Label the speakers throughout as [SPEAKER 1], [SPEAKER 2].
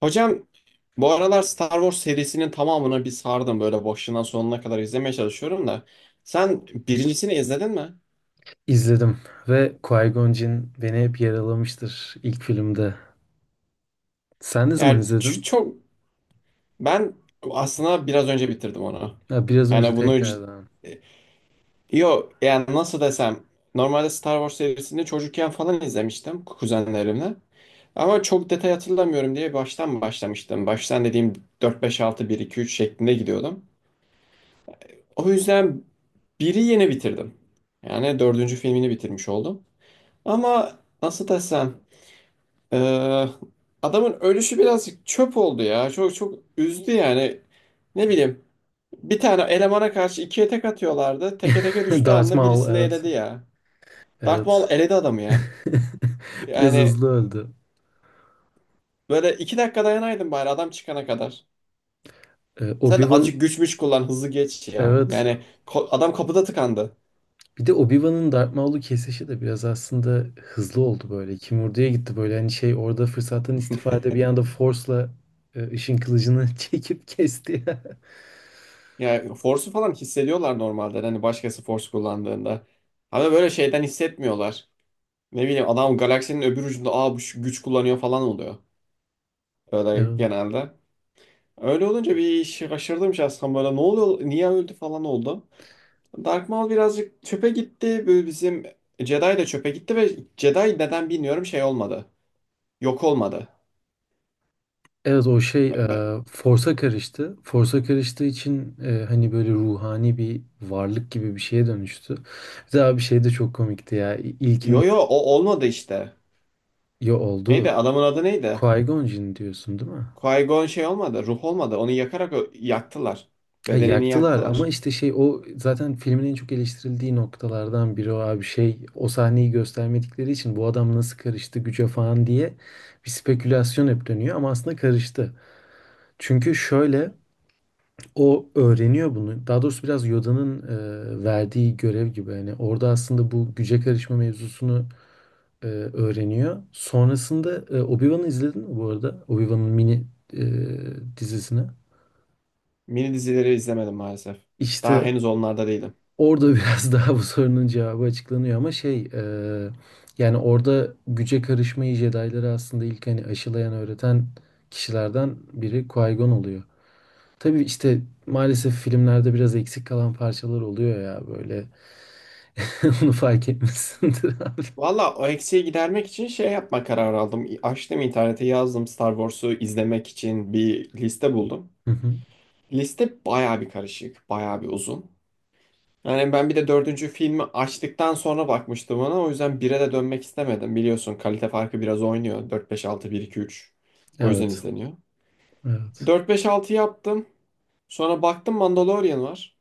[SPEAKER 1] Hocam bu aralar Star Wars serisinin tamamını bir sardım böyle başından sonuna kadar izlemeye çalışıyorum da. Sen birincisini izledin mi?
[SPEAKER 2] İzledim ve Qui-Gon Jinn beni hep yaralamıştır ilk filmde. Sen ne zaman
[SPEAKER 1] Yani
[SPEAKER 2] izledin?
[SPEAKER 1] çok ben aslında biraz önce bitirdim onu.
[SPEAKER 2] Ha, biraz önce
[SPEAKER 1] Yani bunu cid...
[SPEAKER 2] tekrardan.
[SPEAKER 1] Yo, yani nasıl desem, normalde Star Wars serisini çocukken falan izlemiştim kuzenlerimle. Ama çok detay hatırlamıyorum diye baştan başlamıştım. Baştan dediğim dört beş altı bir iki üç şeklinde gidiyordum. O yüzden biri yeni bitirdim. Yani dördüncü filmini bitirmiş oldum. Ama nasıl desem, eee, adamın ölüşü birazcık çöp oldu ya. Çok çok üzdü yani. Ne bileyim, bir tane elemana karşı ikiye tek atıyorlardı. Teke teke düştüğü
[SPEAKER 2] Darth
[SPEAKER 1] anda
[SPEAKER 2] Maul
[SPEAKER 1] birisini
[SPEAKER 2] evet.
[SPEAKER 1] eledi ya. Darth
[SPEAKER 2] Evet.
[SPEAKER 1] Maul eledi adamı ya.
[SPEAKER 2] Biraz
[SPEAKER 1] Yani
[SPEAKER 2] hızlı öldü.
[SPEAKER 1] böyle 2 dakika dayanaydın bari adam çıkana kadar. Sen de
[SPEAKER 2] Obi-Wan
[SPEAKER 1] azıcık güçmüş kullan hızlı geç ya.
[SPEAKER 2] evet.
[SPEAKER 1] Yani adam kapıda tıkandı.
[SPEAKER 2] Bir de Obi-Wan'ın Darth Maul'u kesişi de biraz aslında hızlı oldu böyle. Kimurdu'ya gitti böyle hani şey orada fırsattan istifade bir anda Force'la ışın kılıcını çekip kesti.
[SPEAKER 1] Yani force'u falan hissediyorlar normalde. Hani başkası force kullandığında. Ama böyle şeyden hissetmiyorlar. Ne bileyim, adam galaksinin öbür ucunda aa bu şu güç kullanıyor falan oluyor. Böyle
[SPEAKER 2] Evet.
[SPEAKER 1] genelde. Öyle olunca bir şaşırdım şahsen, böyle ne oluyor niye öldü falan oldu. Dark Maul birazcık çöpe gitti. Böyle bizim Jedi de çöpe gitti ve Jedi neden bilmiyorum şey olmadı. Yok olmadı.
[SPEAKER 2] Evet o şey
[SPEAKER 1] Ben- ben-
[SPEAKER 2] Force'a karıştı. Force'a karıştığı için hani böyle ruhani bir varlık gibi bir şeye dönüştü. Bir daha bir şey de çok komikti ya. İ-
[SPEAKER 1] Yo
[SPEAKER 2] İlkinde
[SPEAKER 1] yo, o olmadı işte.
[SPEAKER 2] ya oldu.
[SPEAKER 1] Neydi adamın adı neydi?
[SPEAKER 2] Qui-Gon Jinn diyorsun değil mi?
[SPEAKER 1] Qui-Gon şey olmadı, ruh olmadı. Onu yakarak yaktılar.
[SPEAKER 2] Ha,
[SPEAKER 1] Bedenini
[SPEAKER 2] yaktılar ama
[SPEAKER 1] yaktılar.
[SPEAKER 2] işte şey o zaten filmin en çok eleştirildiği noktalardan biri o abi, şey o sahneyi göstermedikleri için bu adam nasıl karıştı güce falan diye bir spekülasyon hep dönüyor ama aslında karıştı. Çünkü şöyle, o öğreniyor bunu. Daha doğrusu biraz Yoda'nın verdiği görev gibi. Yani orada aslında bu güce karışma mevzusunu öğreniyor. Sonrasında Obi-Wan'ı izledin mi bu arada? Obi-Wan'ın mini e, dizisini.
[SPEAKER 1] Mini dizileri izlemedim maalesef.
[SPEAKER 2] İşte
[SPEAKER 1] Daha henüz onlarda değilim.
[SPEAKER 2] orada biraz daha bu sorunun cevabı açıklanıyor ama şey, yani orada güce karışmayı Jedi'ları aslında ilk hani aşılayan öğreten kişilerden biri Qui-Gon oluyor. Tabii işte maalesef filmlerde biraz eksik kalan parçalar oluyor ya böyle. Onu fark etmişsindir abi.
[SPEAKER 1] Valla o eksiği gidermek için şey yapma kararı aldım. Açtım internete yazdım Star Wars'u izlemek için bir liste buldum.
[SPEAKER 2] Hı hı.
[SPEAKER 1] Liste baya bir karışık, baya bir uzun. Yani ben bir de dördüncü filmi açtıktan sonra bakmıştım ona. O yüzden bire de dönmek istemedim. Biliyorsun kalite farkı biraz oynuyor. Dört beş altı bir iki üç. O yüzden
[SPEAKER 2] Evet.
[SPEAKER 1] izleniyor.
[SPEAKER 2] Evet.
[SPEAKER 1] 4 5 6 yaptım. Sonra baktım Mandalorian var.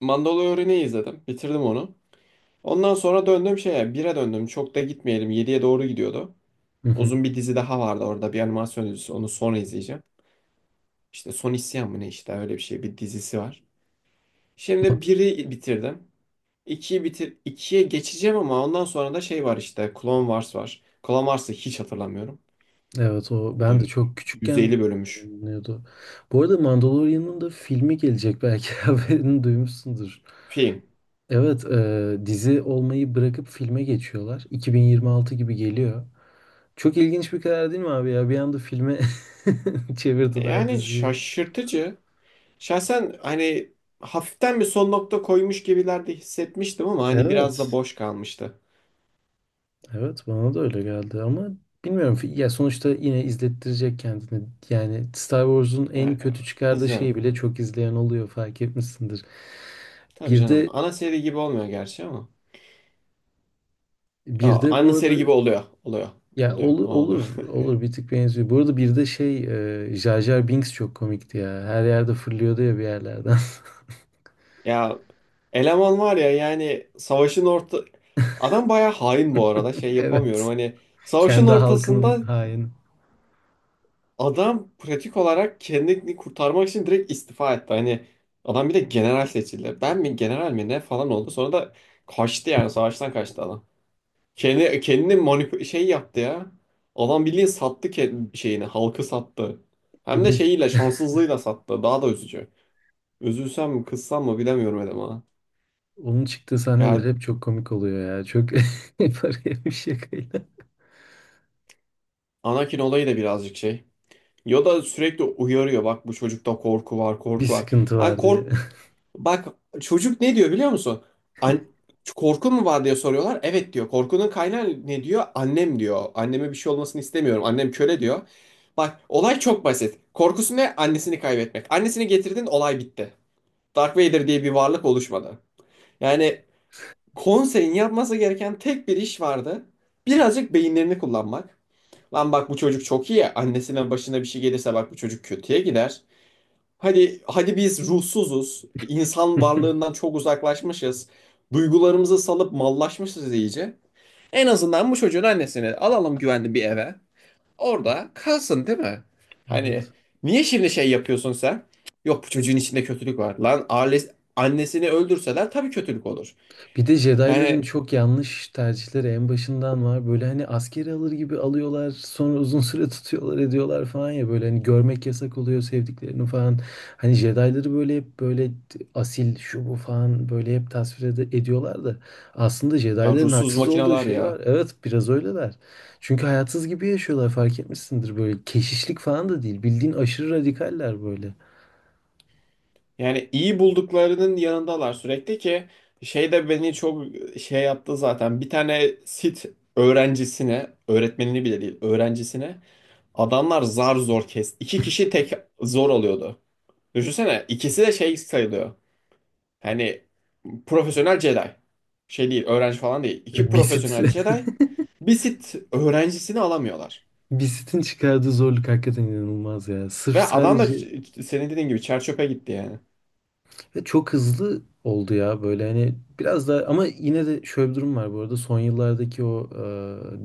[SPEAKER 1] Mandalorian'ı izledim. Bitirdim onu. Ondan sonra döndüm şeye, 1'e döndüm. Çok da gitmeyelim, yediye doğru gidiyordu.
[SPEAKER 2] Hı hı.
[SPEAKER 1] Uzun bir dizi daha vardı orada. Bir animasyon dizisi. Onu sonra izleyeceğim. İşte Son İsyan mı ne, işte öyle bir şey. Bir dizisi var. Şimdi biri bitirdim. 2'yi bitir 2'ye geçeceğim ama ondan sonra da şey var işte. Clone Wars var. Clone Wars'ı hiç hatırlamıyorum.
[SPEAKER 2] Evet, o
[SPEAKER 1] O da
[SPEAKER 2] ben de çok küçükken
[SPEAKER 1] 150 bölünmüş
[SPEAKER 2] yayınlanıyordu. Bu arada Mandalorian'ın da filmi gelecek belki, haberini duymuşsundur.
[SPEAKER 1] film.
[SPEAKER 2] Evet, dizi olmayı bırakıp filme geçiyorlar. 2026 gibi geliyor. Çok ilginç bir karar değil mi abi ya? Bir anda filme çevirdiler
[SPEAKER 1] Yani
[SPEAKER 2] diziyi.
[SPEAKER 1] şaşırtıcı. Şahsen hani hafiften bir son nokta koymuş gibiler de hissetmiştim ama hani biraz da
[SPEAKER 2] Evet.
[SPEAKER 1] boş kalmıştı.
[SPEAKER 2] Evet, bana da öyle geldi ama bilmiyorum ya, sonuçta yine izlettirecek kendini. Yani Star Wars'un en
[SPEAKER 1] Yani
[SPEAKER 2] kötü çıkardığı şeyi
[SPEAKER 1] izliyorum.
[SPEAKER 2] bile çok izleyen oluyor, fark etmişsindir.
[SPEAKER 1] Tabii
[SPEAKER 2] Bir
[SPEAKER 1] canım.
[SPEAKER 2] de
[SPEAKER 1] Ana seri gibi olmuyor gerçi ama. Ya,
[SPEAKER 2] bir de
[SPEAKER 1] ana
[SPEAKER 2] bu
[SPEAKER 1] seri
[SPEAKER 2] arada,
[SPEAKER 1] gibi oluyor. Oluyor. Oluyor. O oluyor.
[SPEAKER 2] olur olur, bir tık benziyor. Bu arada bir de şey, Jar Jar Binks çok komikti ya. Her yerde fırlıyordu ya bir yerlerden.
[SPEAKER 1] Ya eleman var ya, yani savaşın orta... Adam bayağı hain bu arada. Şey yapamıyorum
[SPEAKER 2] Evet.
[SPEAKER 1] hani, savaşın
[SPEAKER 2] Kendi
[SPEAKER 1] ortasında
[SPEAKER 2] halkının haini.
[SPEAKER 1] adam pratik olarak kendini kurtarmak için direkt istifa etti. Hani adam bir de general seçildi. Ben mi general mi ne falan oldu. Sonra da kaçtı, yani savaştan kaçtı adam. Kendi kendini manip şey yaptı ya. Adam bildiğin sattı şeyini, halkı sattı. Hem de
[SPEAKER 2] Onun
[SPEAKER 1] şeyiyle, şanssızlığıyla sattı. Daha da üzücü. Üzülsem mi, kızsam mı bilemiyorum eleman.
[SPEAKER 2] onun çıktığı sahneler
[SPEAKER 1] Ya
[SPEAKER 2] hep çok komik oluyor ya. Çok paraya bir şakayla.
[SPEAKER 1] Anakin olayı da birazcık şey. Yoda sürekli uyarıyor. Bak, bu çocukta korku var,
[SPEAKER 2] Bir
[SPEAKER 1] korku var.
[SPEAKER 2] sıkıntı
[SPEAKER 1] Lan
[SPEAKER 2] var diye.
[SPEAKER 1] bak, çocuk ne diyor biliyor musun? An korkun mu var diye soruyorlar. Evet diyor. Korkunun kaynağı ne diyor? Annem diyor. Anneme bir şey olmasını istemiyorum. Annem köle diyor. Bak olay çok basit. Korkusu ne? Annesini kaybetmek. Annesini getirdin olay bitti. Dark Vader diye bir varlık oluşmadı. Yani konseyin yapması gereken tek bir iş vardı. Birazcık beyinlerini kullanmak. Lan bak bu çocuk çok iyi. Annesine, başına bir şey gelirse bak bu çocuk kötüye gider. Hadi hadi biz ruhsuzuz. İnsan varlığından çok uzaklaşmışız. Duygularımızı salıp mallaşmışız iyice. En azından bu çocuğun annesini alalım güvenli bir eve. Orada kalsın, değil mi? Hani
[SPEAKER 2] Evet.
[SPEAKER 1] niye şimdi şey yapıyorsun sen? Yok, bu çocuğun içinde kötülük var. Lan ailesi, annesini öldürseler tabii kötülük olur.
[SPEAKER 2] Bir de Jedi'ların
[SPEAKER 1] Yani
[SPEAKER 2] çok yanlış tercihleri en başından var. Böyle hani askeri alır gibi alıyorlar, sonra uzun süre tutuyorlar, ediyorlar falan ya, böyle hani görmek yasak oluyor sevdiklerini falan. Hani Jedi'ları böyle hep böyle asil şu bu falan böyle hep tasvir ediyorlar da aslında
[SPEAKER 1] ya
[SPEAKER 2] Jedi'ların
[SPEAKER 1] ruhsuz
[SPEAKER 2] haksız olduğu
[SPEAKER 1] makineler
[SPEAKER 2] şey
[SPEAKER 1] ya.
[SPEAKER 2] var. Evet, biraz öyleler. Çünkü hayatsız gibi yaşıyorlar fark etmişsindir, böyle keşişlik falan da değil. Bildiğin aşırı radikaller böyle.
[SPEAKER 1] Yani iyi bulduklarının yanındalar sürekli ki, şey de beni çok şey yaptı zaten. Bir tane sit öğrencisine, öğretmenini bile değil, öğrencisine adamlar zar zor kes... İki kişi tek zor oluyordu. Düşünsene ikisi de şey sayılıyor. Hani profesyonel Jedi. Şey değil, öğrenci falan değil. İki
[SPEAKER 2] Basit.
[SPEAKER 1] profesyonel Jedi bir sit öğrencisini alamıyorlar.
[SPEAKER 2] Bisitin çıkardığı zorluk hakikaten inanılmaz ya. Sırf
[SPEAKER 1] Ve adam da
[SPEAKER 2] sadece
[SPEAKER 1] senin dediğin gibi çer çöpe gitti yani.
[SPEAKER 2] ve çok hızlı oldu ya, böyle hani biraz daha, ama yine de şöyle bir durum var. Bu arada son yıllardaki o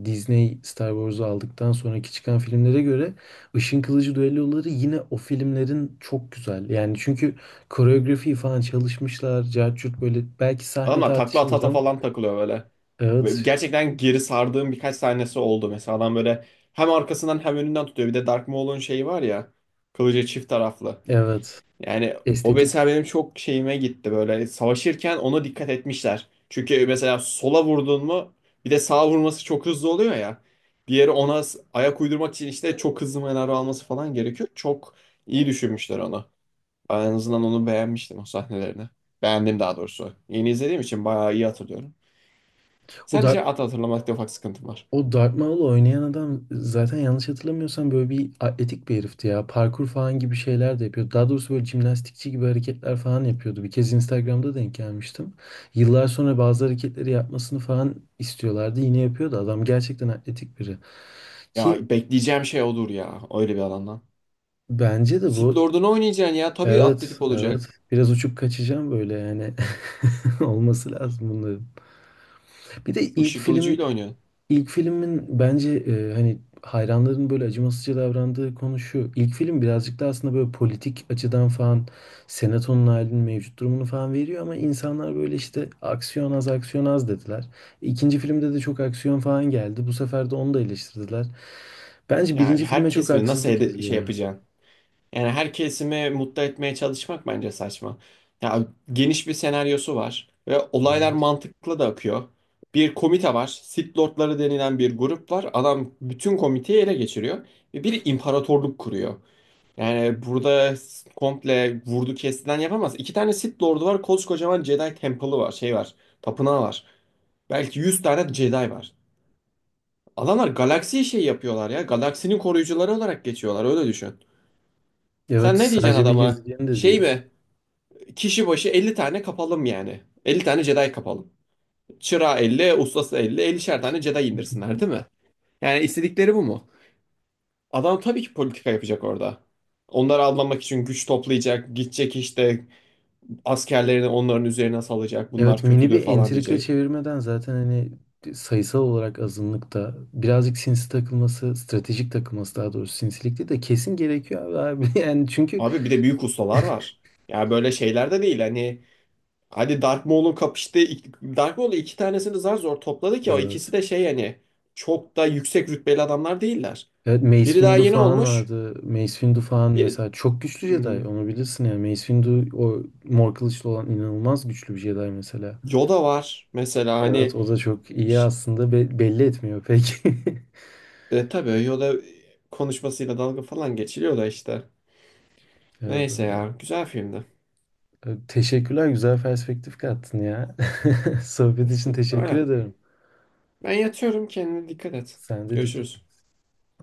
[SPEAKER 2] Disney Star Wars'u aldıktan sonraki çıkan filmlere göre Işın Kılıcı düelloları yine o filmlerin çok güzel. Yani çünkü koreografi falan çalışmışlar. Cart curt, böyle belki sahne
[SPEAKER 1] Adamlar takla ata
[SPEAKER 2] tartışılır
[SPEAKER 1] ata
[SPEAKER 2] ama
[SPEAKER 1] falan takılıyor böyle. Ve
[SPEAKER 2] evet,
[SPEAKER 1] gerçekten geri sardığım birkaç sahnesi oldu. Mesela adam böyle hem arkasından hem önünden tutuyor. Bir de Dark Maul'un şeyi var ya. Kılıcı çift taraflı.
[SPEAKER 2] evet,
[SPEAKER 1] Yani o
[SPEAKER 2] estetik.
[SPEAKER 1] mesela benim çok şeyime gitti böyle. Savaşırken ona dikkat etmişler. Çünkü mesela sola vurdun mu bir de sağa vurması çok hızlı oluyor ya. Diğeri ona ayak uydurmak için işte çok hızlı manevra alması falan gerekiyor. Çok iyi düşünmüşler onu. Ben en azından onu beğenmiştim o sahnelerini. Beğendim daha doğrusu. Yeni izlediğim için bayağı iyi hatırlıyorum.
[SPEAKER 2] O da
[SPEAKER 1] Sadece at hatırlamakta ufak sıkıntım var.
[SPEAKER 2] O Darth Maul'u oynayan adam zaten yanlış hatırlamıyorsam böyle bir atletik bir herifti ya. Parkur falan gibi şeyler de yapıyordu. Daha doğrusu böyle jimnastikçi gibi hareketler falan yapıyordu. Bir kez Instagram'da denk gelmiştim. Yıllar sonra bazı hareketleri yapmasını falan istiyorlardı. Yine yapıyordu. Adam gerçekten atletik biri. Ki
[SPEAKER 1] Ya bekleyeceğim şey odur ya öyle bir alandan.
[SPEAKER 2] bence de
[SPEAKER 1] Sith
[SPEAKER 2] bu,
[SPEAKER 1] Lord'unu oynayacaksın ya, tabii
[SPEAKER 2] evet,
[SPEAKER 1] atletik olacak.
[SPEAKER 2] evet, biraz uçup kaçacağım böyle yani. Olması lazım bunların. Bir de ilk
[SPEAKER 1] Işın
[SPEAKER 2] film
[SPEAKER 1] kılıcıyla oynuyorsun.
[SPEAKER 2] İlk filmin bence, hani hayranların böyle acımasızca davrandığı konu şu. İlk film birazcık da aslında böyle politik açıdan falan senatonun halinin mevcut durumunu falan veriyor ama insanlar böyle işte "aksiyon az, aksiyon az" dediler. İkinci filmde de çok aksiyon falan geldi. Bu sefer de onu da eleştirdiler. Bence
[SPEAKER 1] Ya
[SPEAKER 2] birinci filme çok
[SPEAKER 1] herkes mi, nasıl
[SPEAKER 2] haksızlık
[SPEAKER 1] şey
[SPEAKER 2] ediliyor.
[SPEAKER 1] yapacaksın? Yani her kesimi mutlu etmeye çalışmak bence saçma. Ya geniş bir senaryosu var ve olaylar
[SPEAKER 2] Evet.
[SPEAKER 1] mantıklı da akıyor. Bir komite var. Sith Lordları denilen bir grup var. Adam bütün komiteyi ele geçiriyor ve bir imparatorluk kuruyor. Yani burada komple vurdu kestilen yapamaz. İki tane Sith Lord'u var. Koskocaman Jedi Temple'ı var. Şey var. Tapınağı var. Belki 100 tane Jedi var. Adamlar galaksiyi şey yapıyorlar ya. Galaksinin koruyucuları olarak geçiyorlar. Öyle düşün.
[SPEAKER 2] Evet,
[SPEAKER 1] Sen ne diyeceksin
[SPEAKER 2] sadece bir
[SPEAKER 1] adama?
[SPEAKER 2] gezegen de
[SPEAKER 1] Şey
[SPEAKER 2] değil.
[SPEAKER 1] mi? Kişi başı 50 tane kapalım yani. 50 tane Jedi kapalım. Çırağı 50, ustası 50 50'şer tane Jedi indirsinler, değil mi? Yani istedikleri bu mu? Adam tabii ki politika yapacak orada. Onları avlamak için güç toplayacak, gidecek işte askerlerini onların üzerine salacak,
[SPEAKER 2] Evet,
[SPEAKER 1] bunlar
[SPEAKER 2] mini
[SPEAKER 1] kötüdür
[SPEAKER 2] bir
[SPEAKER 1] falan
[SPEAKER 2] entrika
[SPEAKER 1] diyecek.
[SPEAKER 2] çevirmeden zaten hani sayısal olarak azınlıkta birazcık sinsi takılması, stratejik takılması daha doğrusu, sinsilikti de kesin gerekiyor abi, abi. Yani çünkü
[SPEAKER 1] Abi bir de büyük ustalar var. Ya böyle şeyler de değil hani. Hani Dark Maul'un kapıştığı... Dark Maul'u, iki tanesini zar zor topladı ki o ikisi
[SPEAKER 2] evet.
[SPEAKER 1] de şey yani çok da yüksek rütbeli adamlar değiller.
[SPEAKER 2] Evet, Mace
[SPEAKER 1] Biri daha
[SPEAKER 2] Windu
[SPEAKER 1] yeni
[SPEAKER 2] falan
[SPEAKER 1] olmuş.
[SPEAKER 2] vardı. Mace Windu falan
[SPEAKER 1] Bir
[SPEAKER 2] mesela çok güçlü Jedi,
[SPEAKER 1] Hmm,
[SPEAKER 2] onu bilirsin yani. Mace Windu, o mor kılıçlı olan, inanılmaz güçlü bir Jedi mesela.
[SPEAKER 1] Yoda var mesela
[SPEAKER 2] Evet,
[SPEAKER 1] hani
[SPEAKER 2] o da çok iyi
[SPEAKER 1] iş-
[SPEAKER 2] aslında, belli etmiyor pek.
[SPEAKER 1] tabii Yoda konuşmasıyla dalga falan geçiliyor da işte.
[SPEAKER 2] Evet
[SPEAKER 1] Neyse
[SPEAKER 2] abi.
[SPEAKER 1] ya, güzel filmdi.
[SPEAKER 2] Evet, teşekkürler, güzel perspektif kattın ya. Sohbet için teşekkür
[SPEAKER 1] Öyle.
[SPEAKER 2] ederim.
[SPEAKER 1] Ben yatıyorum, kendine dikkat et.
[SPEAKER 2] Sen de dikkat
[SPEAKER 1] Görüşürüz.